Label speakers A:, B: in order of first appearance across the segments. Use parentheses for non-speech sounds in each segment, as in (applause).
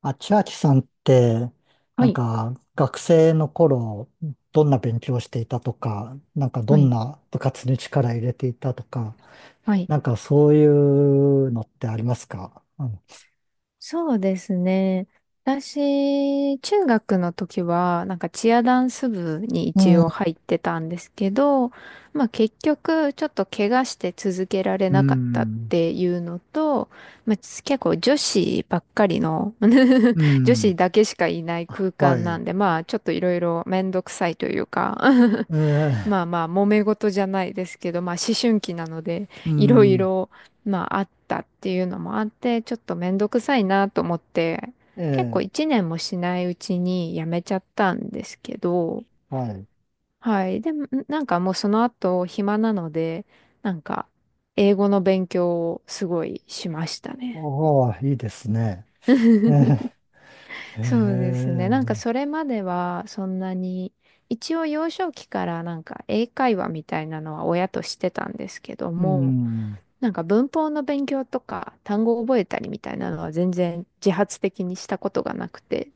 A: あ、千秋さんって、
B: は
A: なん
B: い、
A: か学生の頃、どんな勉強をしていたとか、なんかど
B: は
A: ん
B: い、
A: な部活に力入れていたとか、
B: はい。
A: なんかそういうのってありますか？
B: そうですね。私、中学の時は、なんかチアダンス部に
A: う
B: 一
A: ん、
B: 応入ってたんですけど、まあ結局、ちょっと怪我して続けられ
A: う
B: なかったっ
A: ん、
B: ていうのと、まあ結構女子ばっかりの (laughs)
A: う
B: 女
A: ん、
B: 子だけしかいない
A: あ、
B: 空
A: は
B: 間な
A: い、
B: んで、まあちょっといろいろめんどくさいというか (laughs)
A: ええ、
B: まあまあ、揉め事じゃないですけど、まあ思春期なので、
A: う
B: いろい
A: ん、
B: ろ、まああったっていうのもあって、ちょっとめんどくさいなと思って、結構
A: ええ、
B: 一年もしないうちに辞めちゃったんですけど、
A: はい。
B: はい。でも、なんかもうその後暇なので、なんか英語の勉強をすごいしましたね。
A: ああ、いいですね。えー、
B: (laughs) そうで
A: え
B: すね。なんかそれまではそんなに、一応幼少期からなんか英会話みたいなのは親としてたんですけど
A: え、う
B: も、
A: ん、
B: なんか文法の勉強とか単語を覚えたりみたいなのは全然自発的にしたことがなくて。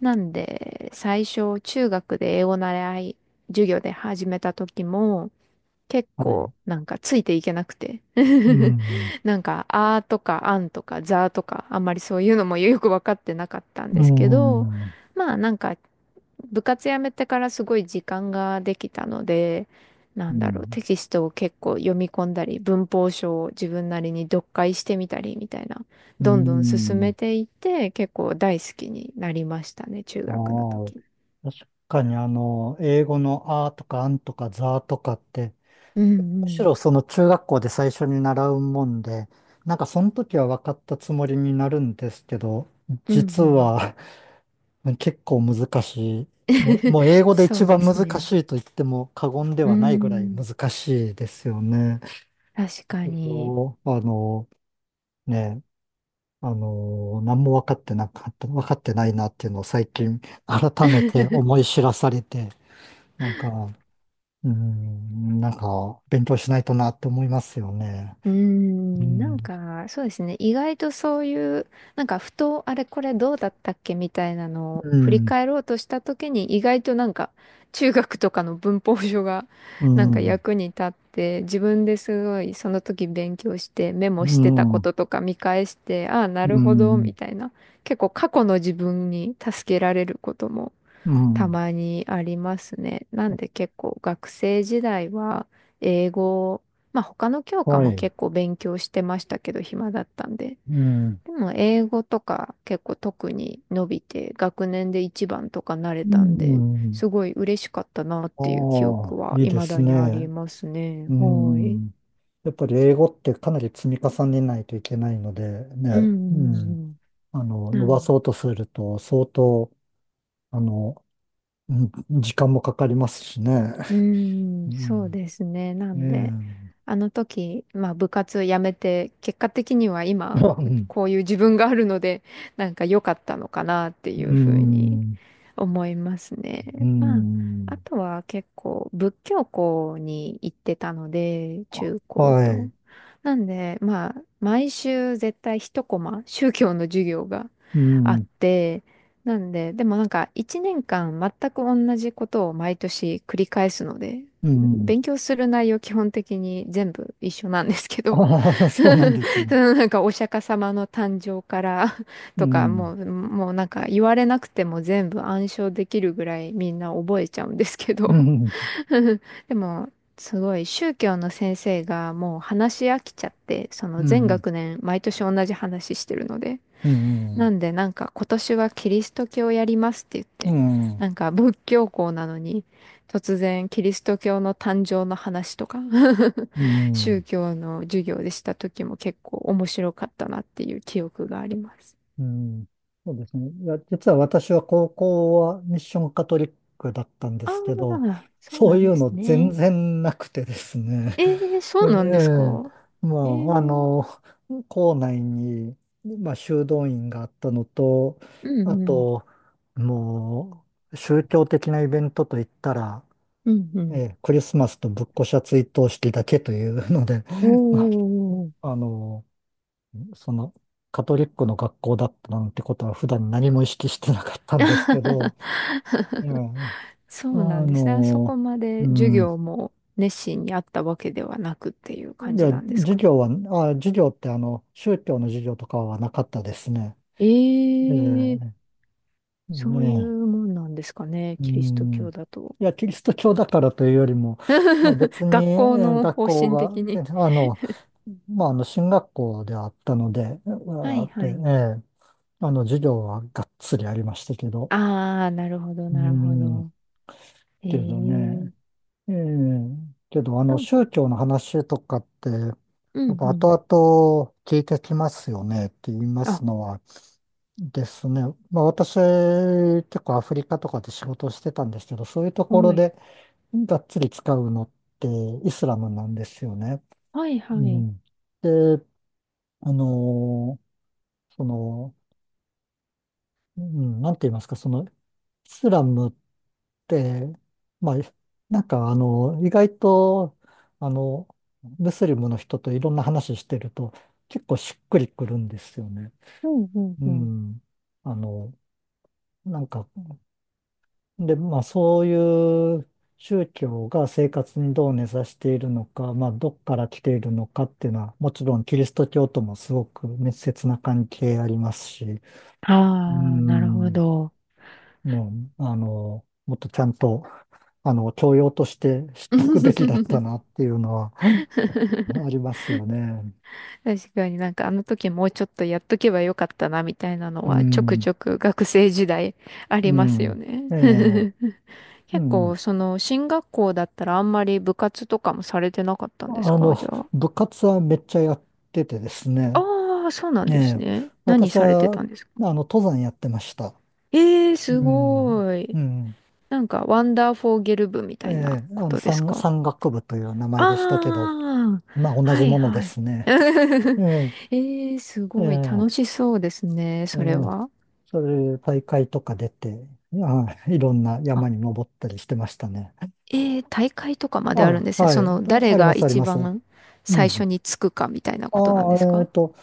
B: なんで最初中学で英語習い授業で始めた時も結
A: は
B: 構
A: い、
B: なんかついていけなくて
A: う
B: (laughs)
A: ん、
B: なんか「あ」とか「あん」とか「ざ」とかあんまりそういうのもよく分かってなかったんで
A: う
B: すけど、
A: ん、う
B: まあなんか部活辞めてからすごい時間ができたので、なんだろう、
A: ん、
B: テキストを結構読み込んだり文法書を自分なりに読解してみたりみたいな、
A: う
B: どんどん進
A: ん。
B: めていって結構大好きになりましたね、中
A: あ
B: 学の
A: あ、
B: 時。
A: 確かに英語のあーとかあんとかざーとかって、
B: うん
A: む
B: う
A: し
B: ん。
A: ろその中学校で最初に習うもんで、なんかその時は分かったつもりになるんですけど、
B: うん
A: 実
B: うん。
A: は (laughs) 結構難しい。もう英
B: (laughs)
A: 語で
B: そ
A: 一
B: うで
A: 番難
B: すね。
A: しいと言っても過言で
B: うー
A: はないぐらい
B: ん、
A: 難しいですよね。
B: 確かに。
A: そう、あの、ね、何も分かってなかった、分かってないなっていうのを最近改めて思
B: (laughs)
A: い知らされて、なんか、うん、なんか、勉強しないとなって思いますよね。
B: うー
A: う
B: ん、な
A: ん。
B: んか、そうですね。意外とそういう、なんか、ふと、あれ、これどうだったっけみたいなのを
A: う
B: 振り
A: ん、
B: 返ろうとしたときに、意外となんか、中学とかの文法書が、
A: う
B: (laughs) なんか
A: ん、
B: 役に立って、自分ですごい、その時勉強して、メモ
A: う
B: してたこ
A: ん、
B: ととか見返して、ああ、な
A: う
B: るほど、
A: ん、
B: みたいな。結構、過去の自分に助けられることも
A: う
B: た
A: ん、
B: まにありますね。なんで結構学生時代は英語、まあ他の教科
A: は
B: も
A: い、
B: 結構勉強してましたけど暇だったんで。
A: うん、
B: でも英語とか結構特に伸びて学年で一番とかなれ
A: う
B: たんで、
A: ん、
B: すごい嬉しかったなっていう記
A: ああ、
B: 憶は
A: いいで
B: 未
A: す
B: だにあり
A: ね。
B: ますね。
A: う
B: はい。
A: ん、やっぱり英語ってかなり積み重ねないといけないので、
B: う
A: ね、
B: んう
A: ん、
B: んうん。
A: 伸
B: な
A: ばそ
B: ん
A: うとすると相当、あの、う時間もかかりますしね。
B: うー
A: う
B: ん、そう
A: ん、
B: ですね。な
A: え
B: ん
A: え、
B: で、あの時、まあ部活辞めて、結果的には今、
A: うん、
B: こういう自分があるので、(laughs) なんか良かったのかなってい
A: う
B: うふうに
A: ん、
B: 思います
A: うー
B: ね。まあ、あ
A: ん。
B: とは結構仏教校に行ってたので、
A: あ、
B: 中高
A: は
B: と。
A: い。
B: なんで、まあ、毎週絶対一コマ、宗教の授業が
A: う
B: あっ
A: ん。
B: て、なんで、でもなんか一年間全く同じことを毎年繰り返すので、
A: うん。
B: 勉強する内容基本的に全部一緒なんですけど、
A: ああ、(laughs) そうなんです
B: (laughs) そ
A: ね。
B: のなんかお釈迦様の誕生から (laughs)
A: う
B: とか、
A: ん。
B: もうなんか言われなくても全部暗唱できるぐらいみんな覚えちゃうんですけ
A: う
B: ど、
A: ん。
B: (laughs) でも、すごい宗教の先生がもう話し飽きちゃって、そ
A: う
B: の全
A: ん。
B: 学年毎年同じ話してるので、
A: う
B: な
A: ん。
B: んでなんか今年はキリスト教やりますって言っ
A: う
B: て、
A: ん。
B: なんか仏教校なのに突然キリスト教の誕生の話とか
A: う
B: (laughs)
A: ん。う
B: 宗
A: ん。
B: 教の授業でした時も結構面白かったなっていう記憶があります。
A: うん、そうですね。いや、実は私は高校はミッションカトリックだったんで
B: ああ、
A: すけど、
B: そう
A: そ
B: な
A: う
B: ん
A: い
B: で
A: う
B: す
A: の全
B: ね。
A: 然なくてですね。
B: ええ、
A: (laughs) え
B: そうなんですか？
A: え、ま
B: え
A: あ、
B: え、
A: 校内に、まあ、修道院があったのと、
B: う
A: あ
B: んうん、
A: と、もう、宗教的なイベントといったら、
B: うんう
A: え
B: ん。
A: え、クリスマスとぶっこしゃ追悼式だけというので、
B: お
A: (laughs) ま
B: お、
A: あ、その、カトリックの学校だったなんてことは普段何も意識してなかったんですけど、いや、
B: そ
A: あ
B: うなんですね。そ
A: の、
B: こまで
A: う
B: 授
A: ん、い
B: 業も熱心にあったわけではなくっていう感じ
A: や、
B: なんです
A: 授
B: か？
A: 業は、授業って宗教の授業とかはなかったですね。ええ、
B: ええ、そうい
A: ね
B: うもんなんですかね、
A: え、う
B: キリスト
A: ん。
B: 教だと。
A: いや、キリスト教だからというよりも、まあ別
B: (laughs)
A: に
B: 学校の
A: 学
B: 方
A: 校
B: 針
A: が、
B: 的
A: え
B: に。
A: あの、まあ進学校ではあったので、う
B: は
A: わー
B: い
A: って、
B: は
A: え
B: い。
A: え、授業はがっつりありましたけど、
B: ああ、なるほど、
A: う
B: なるほ
A: ん。
B: ど。え
A: けどね。
B: え、
A: ええ、けど、
B: なん、
A: 宗教の話とかって、や
B: うん
A: っぱ
B: うん。
A: 後々聞いてきますよねって言います
B: あ、
A: のはですね。まあ私、結構アフリカとかで仕事してたんですけど、そういうところ
B: はい。
A: でがっつり使うのってイスラムなんですよね。
B: はいは
A: う
B: い。
A: ん。で、あのーその、うん、なんて言いますか、イスラムで、まあ、なんか意外と、あの、ムスリムの人といろんな話してると、結構しっくりくるんですよね。
B: うんうん
A: う
B: うん。
A: ん。あの、なんか、で、まあそういう宗教が生活にどう根ざしているのか、まあどっから来ているのかっていうのは、もちろんキリスト教ともすごく密接な関係ありますし、
B: あ
A: う
B: あ、なるほ
A: ん。
B: ど。
A: ね、もっとちゃんと、教養として知っとくべきだった
B: (laughs)
A: なっていうのは (laughs) ありますよね。
B: 確かになんかあの時もうちょっとやっとけばよかったなみたいなの
A: う
B: はちょく
A: ん、
B: ちょく学生時代 (laughs) あ
A: う
B: りますよ
A: ん、
B: ね。
A: ええ、
B: (laughs)
A: う
B: 結構
A: ん。
B: その進学校だったらあんまり部活とかもされてなかったんです
A: あ
B: か、
A: の、
B: じゃあ。
A: 部活はめっちゃやっててですね、
B: ああ、そうなん
A: え
B: です
A: え、
B: ね。何
A: 私
B: されて
A: は、
B: たんですか？
A: 登山やってました。
B: ええー、
A: う
B: す
A: ん、
B: ごい。
A: うん。
B: なんかワンダーフォーゲル部みた
A: え
B: い
A: え、
B: なことです
A: 山、
B: か？
A: 山岳部という名前でしたけど、
B: ああ、
A: まあ、同
B: は
A: じ
B: い
A: もので
B: はい。
A: すね。え
B: (laughs)
A: え、
B: ええー、すごい
A: え
B: 楽
A: え
B: しそうですね、
A: え
B: それ
A: ー
B: は。
A: そういう大会とか出て、あ、いろんな山に登ったりしてましたね。
B: えー、大会とかまであるん
A: あ、
B: ですね。
A: は
B: そ
A: い。
B: の、誰
A: ありま
B: が
A: す、あり
B: 一
A: ます。
B: 番
A: う
B: 最初
A: ん。
B: につくかみたいなことなんで
A: あ
B: す
A: あ、
B: か？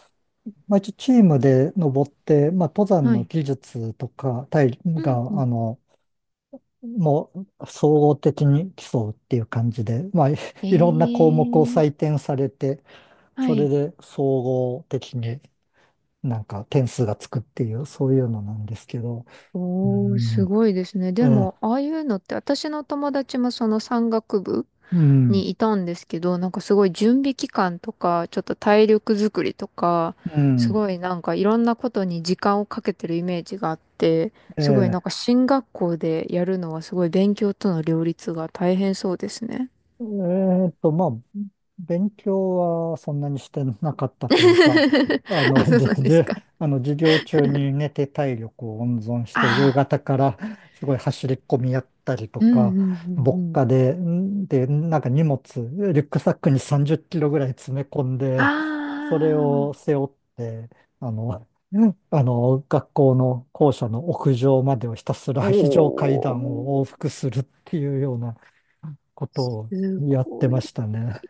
A: まあ、一応チームで登って、まあ、登山
B: は
A: の
B: い。
A: 技術とか、体
B: うんう
A: が、
B: ん。
A: もう、総合的に競うっていう感じで、まあ、(laughs) い
B: え
A: いろんな項目を
B: ー、
A: 採点されて、
B: は
A: それ
B: い。
A: で総合的になんか点数がつくっていう、そういうのなんですけど、う
B: おー、す
A: ん、
B: ごいですね。
A: え
B: で
A: え、
B: も、ああいうのって、私の友達もその山岳部
A: うん。
B: にいたんですけど、なんかすごい準備期間とか、ちょっと体力作りとか、
A: う
B: す
A: ん。
B: ごいなんかいろんなことに時間をかけてるイメージがあって、
A: え
B: すごいなん
A: え。
B: か進学校でやるのはすごい勉強との両立が大変そうですね。
A: まあ、勉強はそんなにしてなかったというか、
B: (laughs) あ、
A: (laughs)
B: そう
A: じ
B: なんです
A: で、
B: か。
A: 授業中に寝て体力を温存し
B: あ
A: て、夕
B: あ、
A: 方からすごい走り込みやったりと
B: うんう
A: か、
B: んうん
A: 牧
B: うん。
A: 歌で、んで、なんか荷物、リュックサックに30キロぐらい詰め込んで、
B: あ、
A: それを背負って、あの、学校の校舎の屋上までをひたすら
B: あ、
A: 非常階
B: お
A: 段を往
B: ー、
A: 復するっていうような、こと
B: す
A: をやって
B: ご
A: ま
B: い。
A: したね。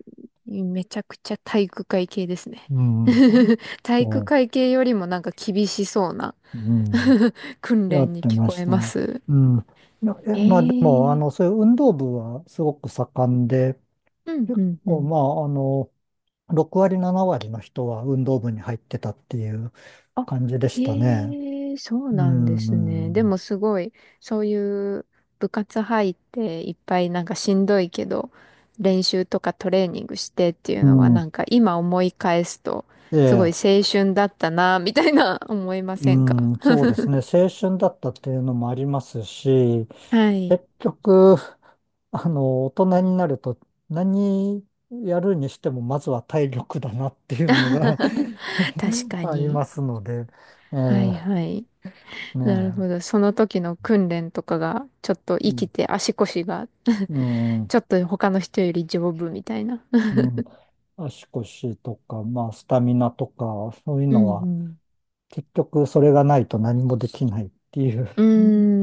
B: めちゃくちゃ体育会系ですね。
A: うん。
B: (laughs) 体育
A: そ
B: 会系よりもなんか厳しそうな
A: う、うん。
B: (laughs) 訓
A: や
B: 練
A: っ
B: に
A: て
B: 聞
A: ま
B: こ
A: し
B: え
A: た。
B: ます。
A: うん。
B: え
A: まあでも、
B: え、
A: そういう運動部はすごく盛んで、
B: うんう
A: 結
B: んう
A: 構、
B: ん。
A: まあ、6割、7割の人は運動部に入ってたっていう
B: あ、
A: 感じでしたね。
B: へえ、そう
A: う
B: なんですね。で
A: ん。
B: もすごい、そういう部活入っていっぱいなんかしんどいけど、練習とかトレーニングしてっていう
A: う
B: のは
A: ん。
B: なんか今思い返すと、
A: え
B: すごい
A: え。
B: 青春だったな、みたいな (laughs) 思いま
A: う
B: せんか？
A: ん、そうですね。青春だったっていうのもありますし、
B: はい。
A: 結局、大人になると何やるにしてもまずは体力だなっていうのが
B: 確
A: (laughs)
B: か
A: あり
B: に。
A: ますので、え
B: はい
A: え、
B: はい。なるほ
A: ね
B: ど。その時の訓練とかが、ちょっと
A: え、う
B: 生き
A: ん、
B: て足腰が、
A: う
B: (laughs)
A: ん、
B: ちょっと他の人より丈夫みたいな。
A: うん足腰とか、まあ、スタミナとか、そういう
B: う
A: の
B: んう
A: は
B: ん。
A: 結局それがないと何もできないっていう、
B: う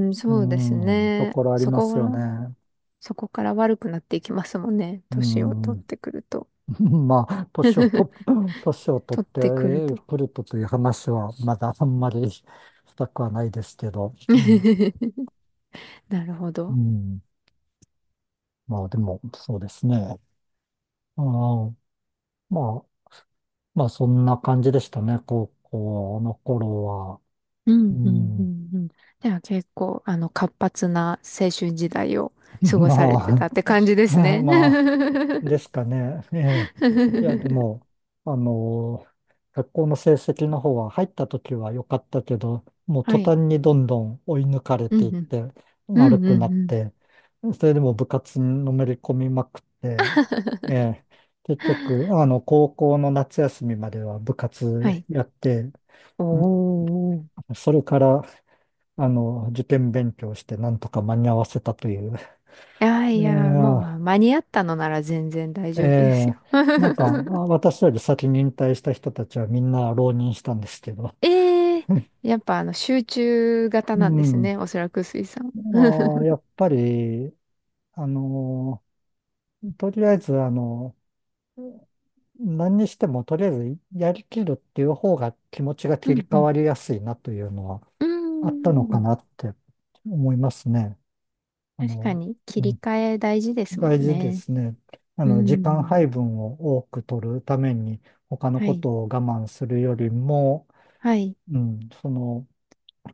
B: ーん、
A: う
B: そうです
A: ん、と
B: ね。
A: ころあり
B: そ
A: ま
B: こ
A: す
B: か
A: よ
B: ら、
A: ね。
B: そこから悪くなっていきますもんね。
A: う
B: 年を取っ
A: ん
B: てくると。
A: (laughs) まあ、年をと、
B: (laughs)
A: (clears throat) 年を取っ
B: 取っ
A: て
B: てくると。
A: くるとという話は、まだあんまりしたくはないですけど、うん、
B: (laughs) なるほ
A: う
B: ど。
A: んまあでも、そうですね。ああ、まあ、まあそんな感じでしたね、高校の頃は。
B: う
A: う
B: ん、うん、う
A: ん、
B: ん、うん。では結構、あの、活発な青春時代を
A: (laughs)
B: 過ご
A: ま
B: されて
A: あ、
B: たって感じ
A: (laughs)
B: ですね。
A: まあ、
B: (laughs)
A: ですかね。(laughs) ええ。いや、でも、あの、学校の成績の方は入った時は良かったけど、もう
B: は
A: 途
B: い。
A: 端にどんどん追い抜かれ
B: うん、
A: ていっ
B: うん。
A: て
B: う
A: 悪
B: ん、う
A: くな
B: ん、
A: っ
B: うん。
A: て、それでも部活にのめり込みまくって、ええ、結局、高校の夏休みまでは部
B: は
A: 活
B: い。
A: やって、ん
B: おー。
A: それから、受験勉強してなんとか間に合わせたという、
B: いやいや、も
A: ええ
B: う間に合ったのなら全然大
A: え
B: 丈夫です
A: え、
B: よ。
A: なんか、あ、
B: (laughs)
A: 私より先に引退した人たちはみんな浪人したんですけど、
B: ええ、やっぱあの集中型
A: (laughs) う
B: なんです
A: ん。
B: ね。おそらく水さん。
A: あ、や
B: (laughs)
A: っぱり、あのとりあえず、何にしてもとりあえずやりきるっていう方が気持ちが
B: う
A: 切り
B: ん
A: 替
B: うん。
A: わりやすいなというのは
B: うー
A: あったのか
B: ん。
A: なって思いますね。あ
B: 確か
A: の、
B: に切
A: う
B: り
A: ん、
B: 替え大事ですも
A: 大
B: ん
A: 事で
B: ね。
A: すね。
B: う
A: 時間
B: ん。
A: 配分を多く取るために他の
B: は
A: こ
B: い。
A: とを我慢するよりも、
B: はい。
A: うん、その、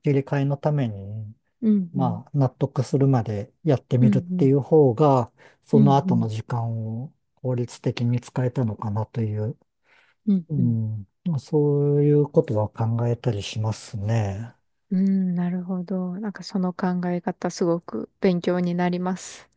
A: 切り替えのために、
B: うんうん。
A: まあ、納得するまでやって
B: う
A: み
B: ん
A: るっ
B: う
A: てい
B: ん。
A: う方が、そ
B: う
A: の
B: んう
A: 後の
B: ん。
A: 時間を効率的に使えたのかなという、
B: うん
A: う
B: うん。
A: ん、そういうことは考えたりしますね。
B: うん、なるほど。なんかその考え方すごく勉強になります。